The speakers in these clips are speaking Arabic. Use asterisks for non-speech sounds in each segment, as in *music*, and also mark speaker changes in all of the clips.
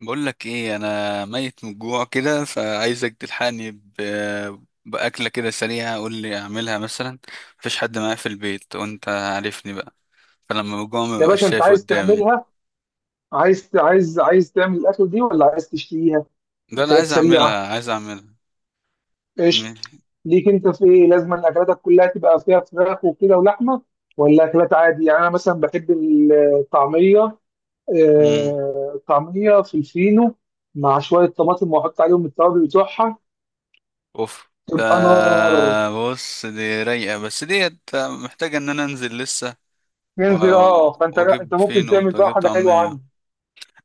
Speaker 1: بقول لك ايه، انا ميت من الجوع كده، فعايزك تلحقني باكله كده سريعه. قول لي اعملها مثلا. مفيش حد معايا في البيت وانت عارفني بقى. فلما بجوع ما
Speaker 2: يا باشا
Speaker 1: ببقاش
Speaker 2: انت
Speaker 1: شايف
Speaker 2: عايز
Speaker 1: قدامي.
Speaker 2: تعملها؟ عايز تعمل الاكل دي ولا عايز تشتريها؟
Speaker 1: ده انا
Speaker 2: اكلات
Speaker 1: عايز
Speaker 2: سريعه.
Speaker 1: اعملها عايز اعملها.
Speaker 2: قشطه.
Speaker 1: ماشي.
Speaker 2: ليك انت في ايه؟ لازم ان اكلاتك كلها تبقى فيها فراخ وكده ولحمه، ولا اكلات عادي؟ يعني انا مثلا بحب الطعميه.
Speaker 1: امم.
Speaker 2: آه، الطعميه في الفينو مع شويه طماطم، واحط عليهم التوابل بتوعها،
Speaker 1: اوف. ده
Speaker 2: تبقى نار.
Speaker 1: بص، دي رايقه بس ديت محتاجه ان انا انزل لسه و...
Speaker 2: ينزل اه. فانت، لا،
Speaker 1: واجيب
Speaker 2: انت ممكن
Speaker 1: فينو
Speaker 2: تعمل بقى
Speaker 1: واجيب
Speaker 2: حاجه حلوه
Speaker 1: طعميه.
Speaker 2: عندك.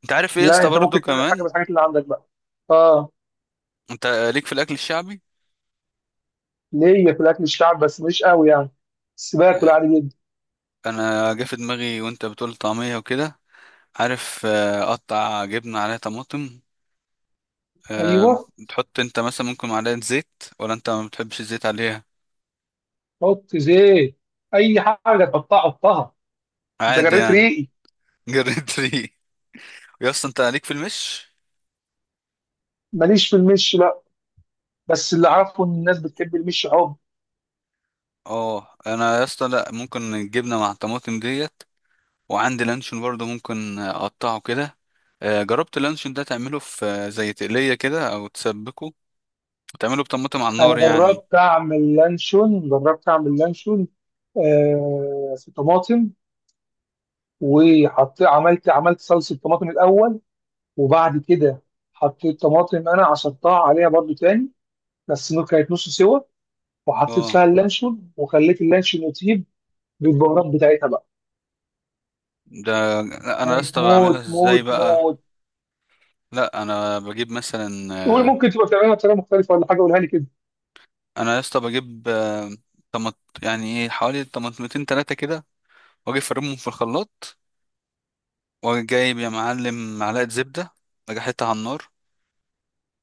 Speaker 1: انت عارف ايه يا
Speaker 2: لا،
Speaker 1: اسطى
Speaker 2: انت
Speaker 1: برضو
Speaker 2: ممكن تعمل حاجه بس
Speaker 1: كمان؟
Speaker 2: الحاجات اللي عندك بقى. اه.
Speaker 1: انت ليك في الاكل الشعبي؟
Speaker 2: ليا في الاكل الشعب بس مش قوي يعني، بس باكل عادي جدا.
Speaker 1: انا جه في دماغي وانت بتقول طعميه وكده. عارف؟ قطع جبنه عليها طماطم. آه،
Speaker 2: ايوه.
Speaker 1: تحط انت مثلا ممكن معلقه زيت، ولا انت ما بتحبش الزيت عليها؟
Speaker 2: حط زيت، اي حاجه تحطها حطها. انت
Speaker 1: عادي
Speaker 2: جريت
Speaker 1: يعني.
Speaker 2: ريقي.
Speaker 1: *laughs* جريت ري يا اسطى، انت عليك في المش؟
Speaker 2: ماليش في المش، لا، بس اللي عارفه ان الناس بتحب المش حب.
Speaker 1: اه، انا يا اسطى لا، ممكن الجبنه مع الطماطم ديت، وعندي لانشون برضه ممكن اقطعه كده. جربت اللانشون ده تعمله في زي تقليه كده او تسبكه، وتعمله بطماطم على
Speaker 2: انا
Speaker 1: النار يعني؟
Speaker 2: جربت اعمل لانشون، آه في طماطم. وحط عملت عملت صلصه طماطم الاول، وبعد كده حطيت طماطم، انا عصرتها عليها برضو تاني. بس كانت نص سوا، وحطيت
Speaker 1: اه.
Speaker 2: فيها اللانشون، وخليت اللانشون يطيب بالبهارات بتاعتها بقى.
Speaker 1: ده انا يا
Speaker 2: كانت
Speaker 1: اسطى بعملها
Speaker 2: موت
Speaker 1: ازاي
Speaker 2: موت
Speaker 1: بقى؟
Speaker 2: موت.
Speaker 1: لا، انا بجيب مثلا.
Speaker 2: تقول
Speaker 1: آه،
Speaker 2: ممكن تبقى بتعملها بطريقه مختلفه ولا حاجه؟ قولها لي كده.
Speaker 1: انا يا اسطى بجيب يعني ايه حوالي طماطمتين تلاتة كده، واجي افرمهم في الخلاط، واجي جايب يا معلم معلقة زبدة، اجي احطها على النار.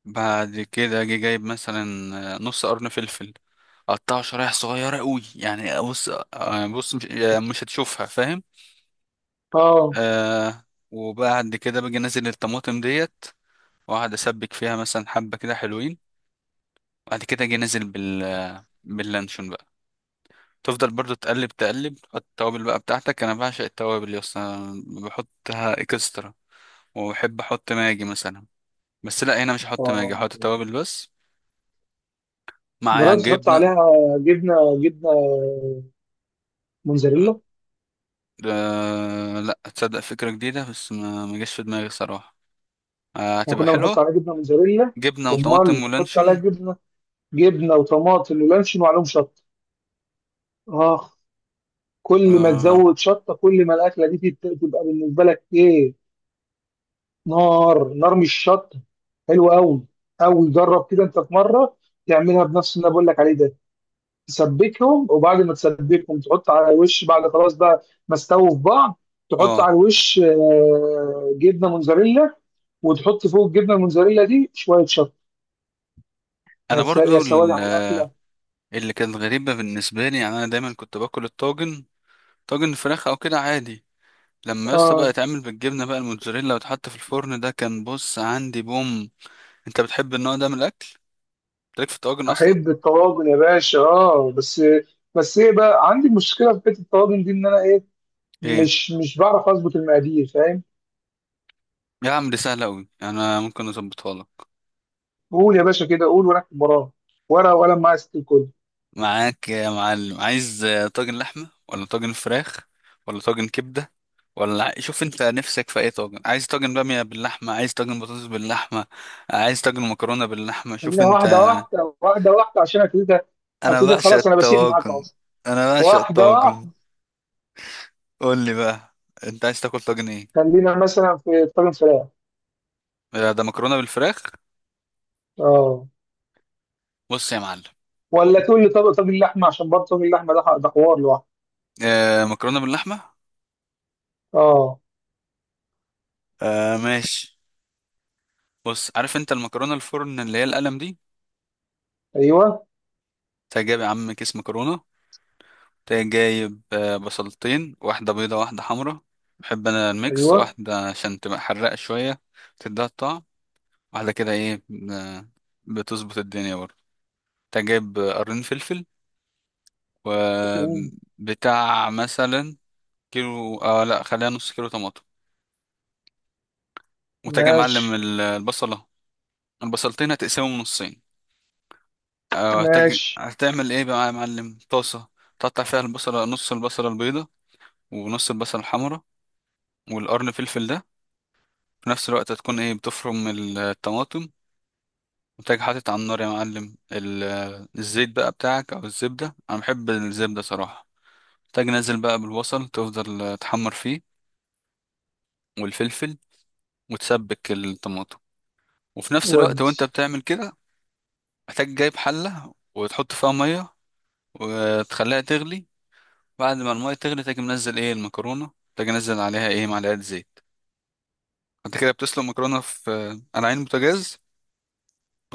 Speaker 1: بعد كده اجي جايب مثلا نص قرن فلفل، اقطعه شرايح صغيرة قوي، يعني بص، بص مش هتشوفها، فاهم؟
Speaker 2: اه.
Speaker 1: آه. وبعد كده باجي انزل الطماطم ديت، واقعد اسبك فيها مثلا حبة كده حلوين. بعد كده اجي نازل باللانشون بقى. تفضل برضو تقلب تقلب، تحط التوابل بقى بتاعتك. انا بعشق التوابل يا اسطى، أنا بحطها اكسترا. وبحب احط ماجي مثلا، بس لا، هنا مش هحط ماجي،
Speaker 2: اه.
Speaker 1: هحط توابل بس مع
Speaker 2: جربت تحط
Speaker 1: جبنه.
Speaker 2: عليها جبنه؟ موتزاريلا
Speaker 1: آه، لا تصدق، فكره جديده بس ما جاش في دماغي صراحه. آه،
Speaker 2: احنا
Speaker 1: هتبقى
Speaker 2: كنا بنحط
Speaker 1: حلوه.
Speaker 2: عليها جبنه موتزاريلا.
Speaker 1: جبنه
Speaker 2: امال
Speaker 1: وطماطم
Speaker 2: بنحط عليها
Speaker 1: ولانشون.
Speaker 2: جبنه؟ جبنه وطماطم ولانشون، وعليهم شطه. اخ. كل ما
Speaker 1: اه.
Speaker 2: تزود شطه كل ما الاكله دي تبقى بالنسبه لك ايه؟ نار، نار مش شطه. حلو قوي، قوي. جرب كده انت في مره، تعملها بنفس اللي انا بقول لك عليه ده. تسبكهم، وبعد ما تسبكهم تحط على الوش بعد خلاص بقى ما استووا في بعض. تحط
Speaker 1: اه،
Speaker 2: على الوش آه، جبنه موتزاريلا، وتحط فوق الجبنه الموتزاريلا دي شويه شطه.
Speaker 1: انا
Speaker 2: يا
Speaker 1: برضو
Speaker 2: سواد على الاكله.
Speaker 1: اللي كانت غريبه بالنسبه لي، يعني انا دايما كنت باكل الطاجن، طاجن فراخ او كده عادي. لما يسطا بقى
Speaker 2: اه،
Speaker 1: يتعمل بالجبنة بقى الموتزاريلا، وتحط في الفرن ده، كان بص عندي بوم. انت بتحب النوع ده من الاكل؟ تليك في الطواجن اصلا؟
Speaker 2: احب الطواجن يا باشا، اه. بس، بس ايه بقى، عندي مشكله في حته الطواجن دي، ان انا ايه،
Speaker 1: ايه،
Speaker 2: مش بعرف اظبط المقادير، فاهم؟
Speaker 1: يا عم دي سهلة قوي، انا ممكن اظبطها لك.
Speaker 2: قول يا باشا كده، قول وانا اكتب وراك. ورقه وقلم معايا ست الكل.
Speaker 1: معاك يا معلم، عايز طاجن لحمة ولا طاجن فراخ ولا طاجن كبدة، ولا شوف انت نفسك في اي طاجن؟ عايز طاجن بامية باللحمة، عايز طاجن بطاطس باللحمة، عايز طاجن مكرونة باللحمة، شوف
Speaker 2: خلينا
Speaker 1: انت.
Speaker 2: واحده عشان ابتدي.
Speaker 1: انا
Speaker 2: ابتدي
Speaker 1: بعشق
Speaker 2: خلاص، انا بسيء معاك اهو.
Speaker 1: الطواجن. انا بعشق
Speaker 2: واحدة
Speaker 1: الطواجن.
Speaker 2: واحدة.
Speaker 1: قول لي بقى، انت عايز تاكل طاجن ايه؟
Speaker 2: خلينا مثلا في طاجن فراخ.
Speaker 1: ده مكرونة بالفراخ.
Speaker 2: اه.
Speaker 1: بص يا معلم.
Speaker 2: ولا تقول لي طب طاجن لحمة، عشان برضه طاجن اللحمة ده ده حوار لوحده.
Speaker 1: آه، مكرونة باللحمة.
Speaker 2: اه.
Speaker 1: آه، ماشي. بص، عارف انت المكرونة الفرن اللي هي القلم دي؟
Speaker 2: ايوه.
Speaker 1: تجيب جايب يا عم كيس مكرونة، تجيب جايب بصلتين، واحدة بيضة واحدة حمرا، بحب انا الميكس،
Speaker 2: ايوه.
Speaker 1: واحدة عشان تبقى حرقة شوية، تديها الطعم، واحدة كده ايه، آه، بتظبط الدنيا برضه. تجيب جايب قرن فلفل،
Speaker 2: مم.
Speaker 1: وبتاع مثلا كيلو، اه لا، خليها نص كيلو طماطم. وتجي يا معلم
Speaker 2: ماشي.
Speaker 1: البصلة، البصلتين هتقسمهم نصين.
Speaker 2: ماشي.
Speaker 1: هتعمل ايه بقى يا معلم؟ طاسة، تقطع فيها البصلة، نص البصلة البيضة ونص البصلة الحمراء والقرن فلفل ده. في نفس الوقت هتكون ايه، بتفرم الطماطم. وتاجي حاطط على النار يا معلم الزيت بقى بتاعك او الزبدة، انا بحب الزبدة صراحة. تاجي نازل بقى بالبصل، تفضل تحمر فيه والفلفل، وتسبك الطماطم. وفي نفس الوقت وانت
Speaker 2: ودي.
Speaker 1: بتعمل كده، هتاجي جايب حلة وتحط فيها مية، وتخليها تغلي. بعد ما المية تغلي، تاجي منزل ايه، المكرونة، تاجي انزل عليها ايه، معلقة زيت. انت كده بتسلق مكرونة في آه، على عين بوتاجاز،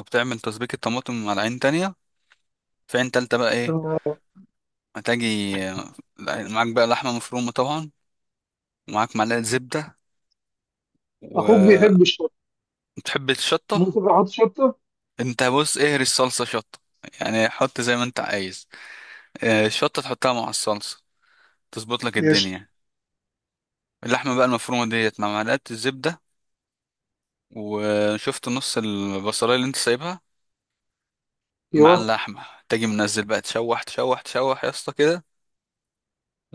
Speaker 1: وبتعمل تسبيكة طماطم على عين تانية. في عين تالتة بقى ايه،
Speaker 2: تمام.
Speaker 1: هتاجي آه، معاك بقى لحمة مفرومة طبعا، ومعاك معلقة زبدة،
Speaker 2: اخوك
Speaker 1: وبتحب
Speaker 2: بيحب الشطة،
Speaker 1: الشطة.
Speaker 2: ممكن احط شطة؟
Speaker 1: انت بص، اهري الصلصة شطة، يعني حط زي ما انت عايز. الشطة تحطها مع الصلصة، تظبط لك
Speaker 2: قشطة.
Speaker 1: الدنيا. اللحمة بقى المفرومة ديت مع معلقة الزبدة، وشفت نص البصلاية اللي انت سايبها، مع
Speaker 2: ايوه.
Speaker 1: اللحمة، تجي منزل بقى، تشوح تشوح تشوح يا اسطى كده.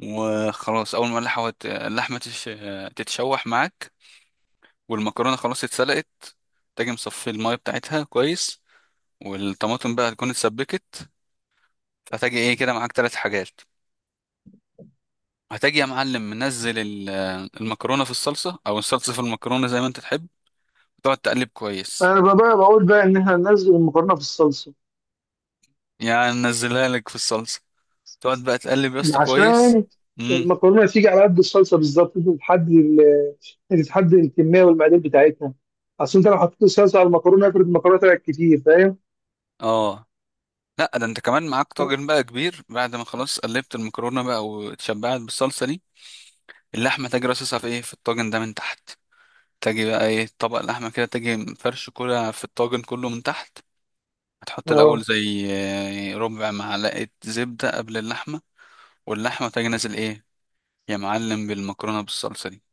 Speaker 1: وخلاص، أول ما اللحمة تتشوح معاك، والمكرونة خلاص اتسلقت، تجي مصفي المية بتاعتها كويس. والطماطم بقى هتكون اتسبكت. فتجي ايه كده، معاك 3 حاجات. هتجي يا معلم منزل المكرونة في الصلصة أو الصلصة في المكرونة زي ما أنت تحب، تقعد تقلب كويس.
Speaker 2: انا بقى بقول بقى ان احنا ننزل المكرونة في الصلصة،
Speaker 1: يعني نزلها لك في الصلصة، تقعد بقى تقلب يا اسطى كويس.
Speaker 2: عشان
Speaker 1: امم.
Speaker 2: المكرونة تيجي على قد الصلصة بالظبط. انت تحدد انت تحدد الكمية والمقادير بتاعتها. اصل انت لو حطيت الصلصة على المكرونة، افرض المكرونة طلعت كتير، فاهم؟
Speaker 1: اه، لا، ده انت كمان معاك طاجن بقى كبير، بعد ما خلاص قلبت المكرونه بقى واتشبعت بالصلصه دي، اللحمه تجي رصصها في ايه، في الطاجن ده من تحت. تجي بقى ايه، طبق اللحمه كده، تجي فرش كده في الطاجن كله من تحت. هتحط الاول
Speaker 2: اه.
Speaker 1: زي ربع معلقه زبده قبل اللحمه، واللحمه تجي نازل ايه يا معلم بالمكرونه، بالصلصه دي.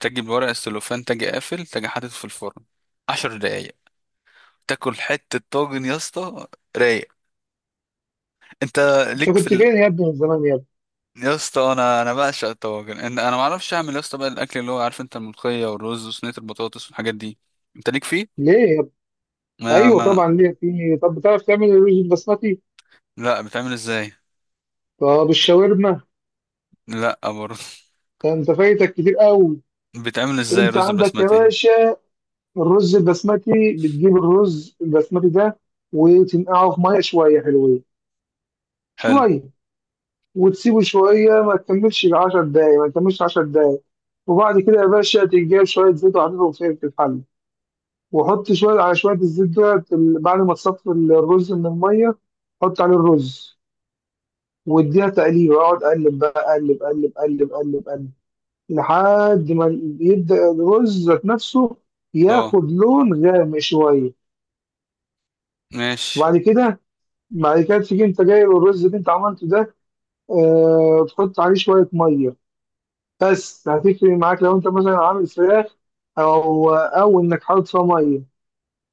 Speaker 1: تجي بورق السلوفان، تجي قافل، تجي حاطط في الفرن 10 دقايق. تاكل حته طاجن يا اسطى رايق. انت
Speaker 2: انت
Speaker 1: ليك في؟
Speaker 2: كنت فين يا ابني من زمان يا ابني؟
Speaker 1: يا اسطى، انا بعشق الطواجن، انا ما اعرفش اعمل يا اسطى بقى الاكل اللي هو، عارف انت، الملوخيه والرز وصينيه البطاطس والحاجات دي. انت ليك فيه؟
Speaker 2: ليه يا ابني؟
Speaker 1: ما
Speaker 2: ايوه
Speaker 1: ما
Speaker 2: طبعا ليه في. طب بتعرف تعمل الرز البسمتي؟
Speaker 1: لا، بتعمل ازاي؟
Speaker 2: طب الشاورما؟
Speaker 1: لا برضه.
Speaker 2: ده انت فايتك كتير قوي.
Speaker 1: *laughs* بتعمل ازاي
Speaker 2: انت
Speaker 1: رز
Speaker 2: عندك يا
Speaker 1: بسمتي؟
Speaker 2: باشا الرز البسمتي، بتجيب الرز البسمتي ده وتنقعه في ميه شويه حلوين.
Speaker 1: حلو.
Speaker 2: شويه، وتسيبه شويه، ما تكملش 10 دقايق، ما تكملش 10 دقايق. وبعد كده يا باشا تجيب شويه زيت، وحطيتهم في الحله وحط شويه على شويه الزيت ده بعد ما تصفي الرز من الميه. حط عليه الرز، واديها تقليب. اقعد اقلب بقى، اقلب اقلب اقلب اقلب اقلب، لحد ما يبدا الرز ذات نفسه
Speaker 1: اه،
Speaker 2: ياخد لون غامق شويه.
Speaker 1: ماشي.
Speaker 2: وبعد كده، بعد كده تيجي انت جايب الرز اللي انت عملته ده، آه تحط عليه شويه ميه. بس هتفرق معاك لو انت مثلا عامل فراخ، او او انك حاطط فيها ميه.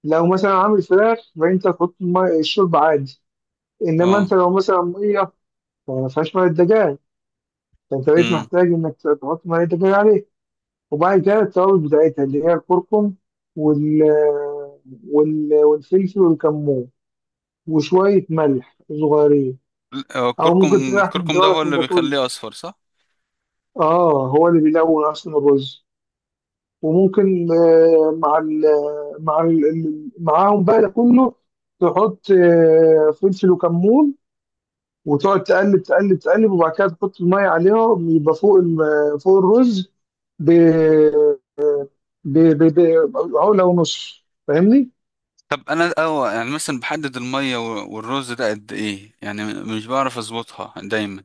Speaker 2: لو مثلا عامل فراخ، فانت تحط الشوربه عادي. انما
Speaker 1: اه.
Speaker 2: انت لو مثلا ميه، فما فيهاش ميه دجاج، فانت بقيت
Speaker 1: امم.
Speaker 2: محتاج انك تحط ميه دجاج عليه. وبعد كده التوابل بتاعتها، اللي هي الكركم، وال وال والفلفل والكمون وشوية ملح صغيرين.
Speaker 1: هو
Speaker 2: أو ممكن
Speaker 1: الكركم،
Speaker 2: تلاح من
Speaker 1: الكركم ده هو
Speaker 2: دولك من
Speaker 1: اللي
Speaker 2: ده كله.
Speaker 1: بيخليه اصفر، صح؟
Speaker 2: آه، هو اللي بيلون أصلا الرز. وممكن آه مع معاهم بقى ده كله، تحط آه فلفل وكمون، وتقعد تقلب تقلب تقلب. وبعد كده تحط المية عليهم، يبقى فوق فوق الرز ب ب- ب- عقلة ونص، فاهمني؟
Speaker 1: طب انا يعني مثلا بحدد الميه والرز ده قد ايه، يعني مش بعرف اظبطها دايما.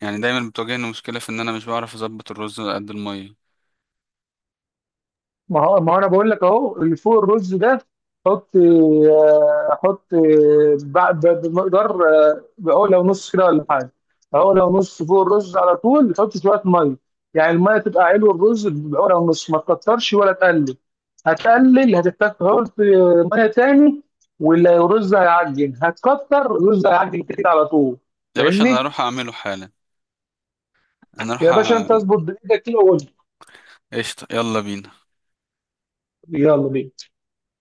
Speaker 1: يعني دايما بتواجهني مشكله في ان انا مش بعرف اظبط الرز قد الميه.
Speaker 2: ما هو، ما هو انا بقول لك اهو اللي فوق الرز ده، حط آه، حط آه، بمقدار آه، بقول لو نص كده ولا حاجه. اهو لو نص فوق الرز على طول، حط شويه ميه. يعني الميه تبقى علو الرز، بقول لو نص، ما تكترش ولا تقلل. هتقلل هتحتاج تحط آه، ميه تاني، والرز هيعجن. هتكتر الرز هيعجن كده على طول،
Speaker 1: يا باشا، انا
Speaker 2: فاهمني؟
Speaker 1: اروح اعمله حالا. نروح
Speaker 2: يا باشا انت اظبط بايدك كده وقول
Speaker 1: قشطة، يلا بينا.
Speaker 2: لي. يلا بينا.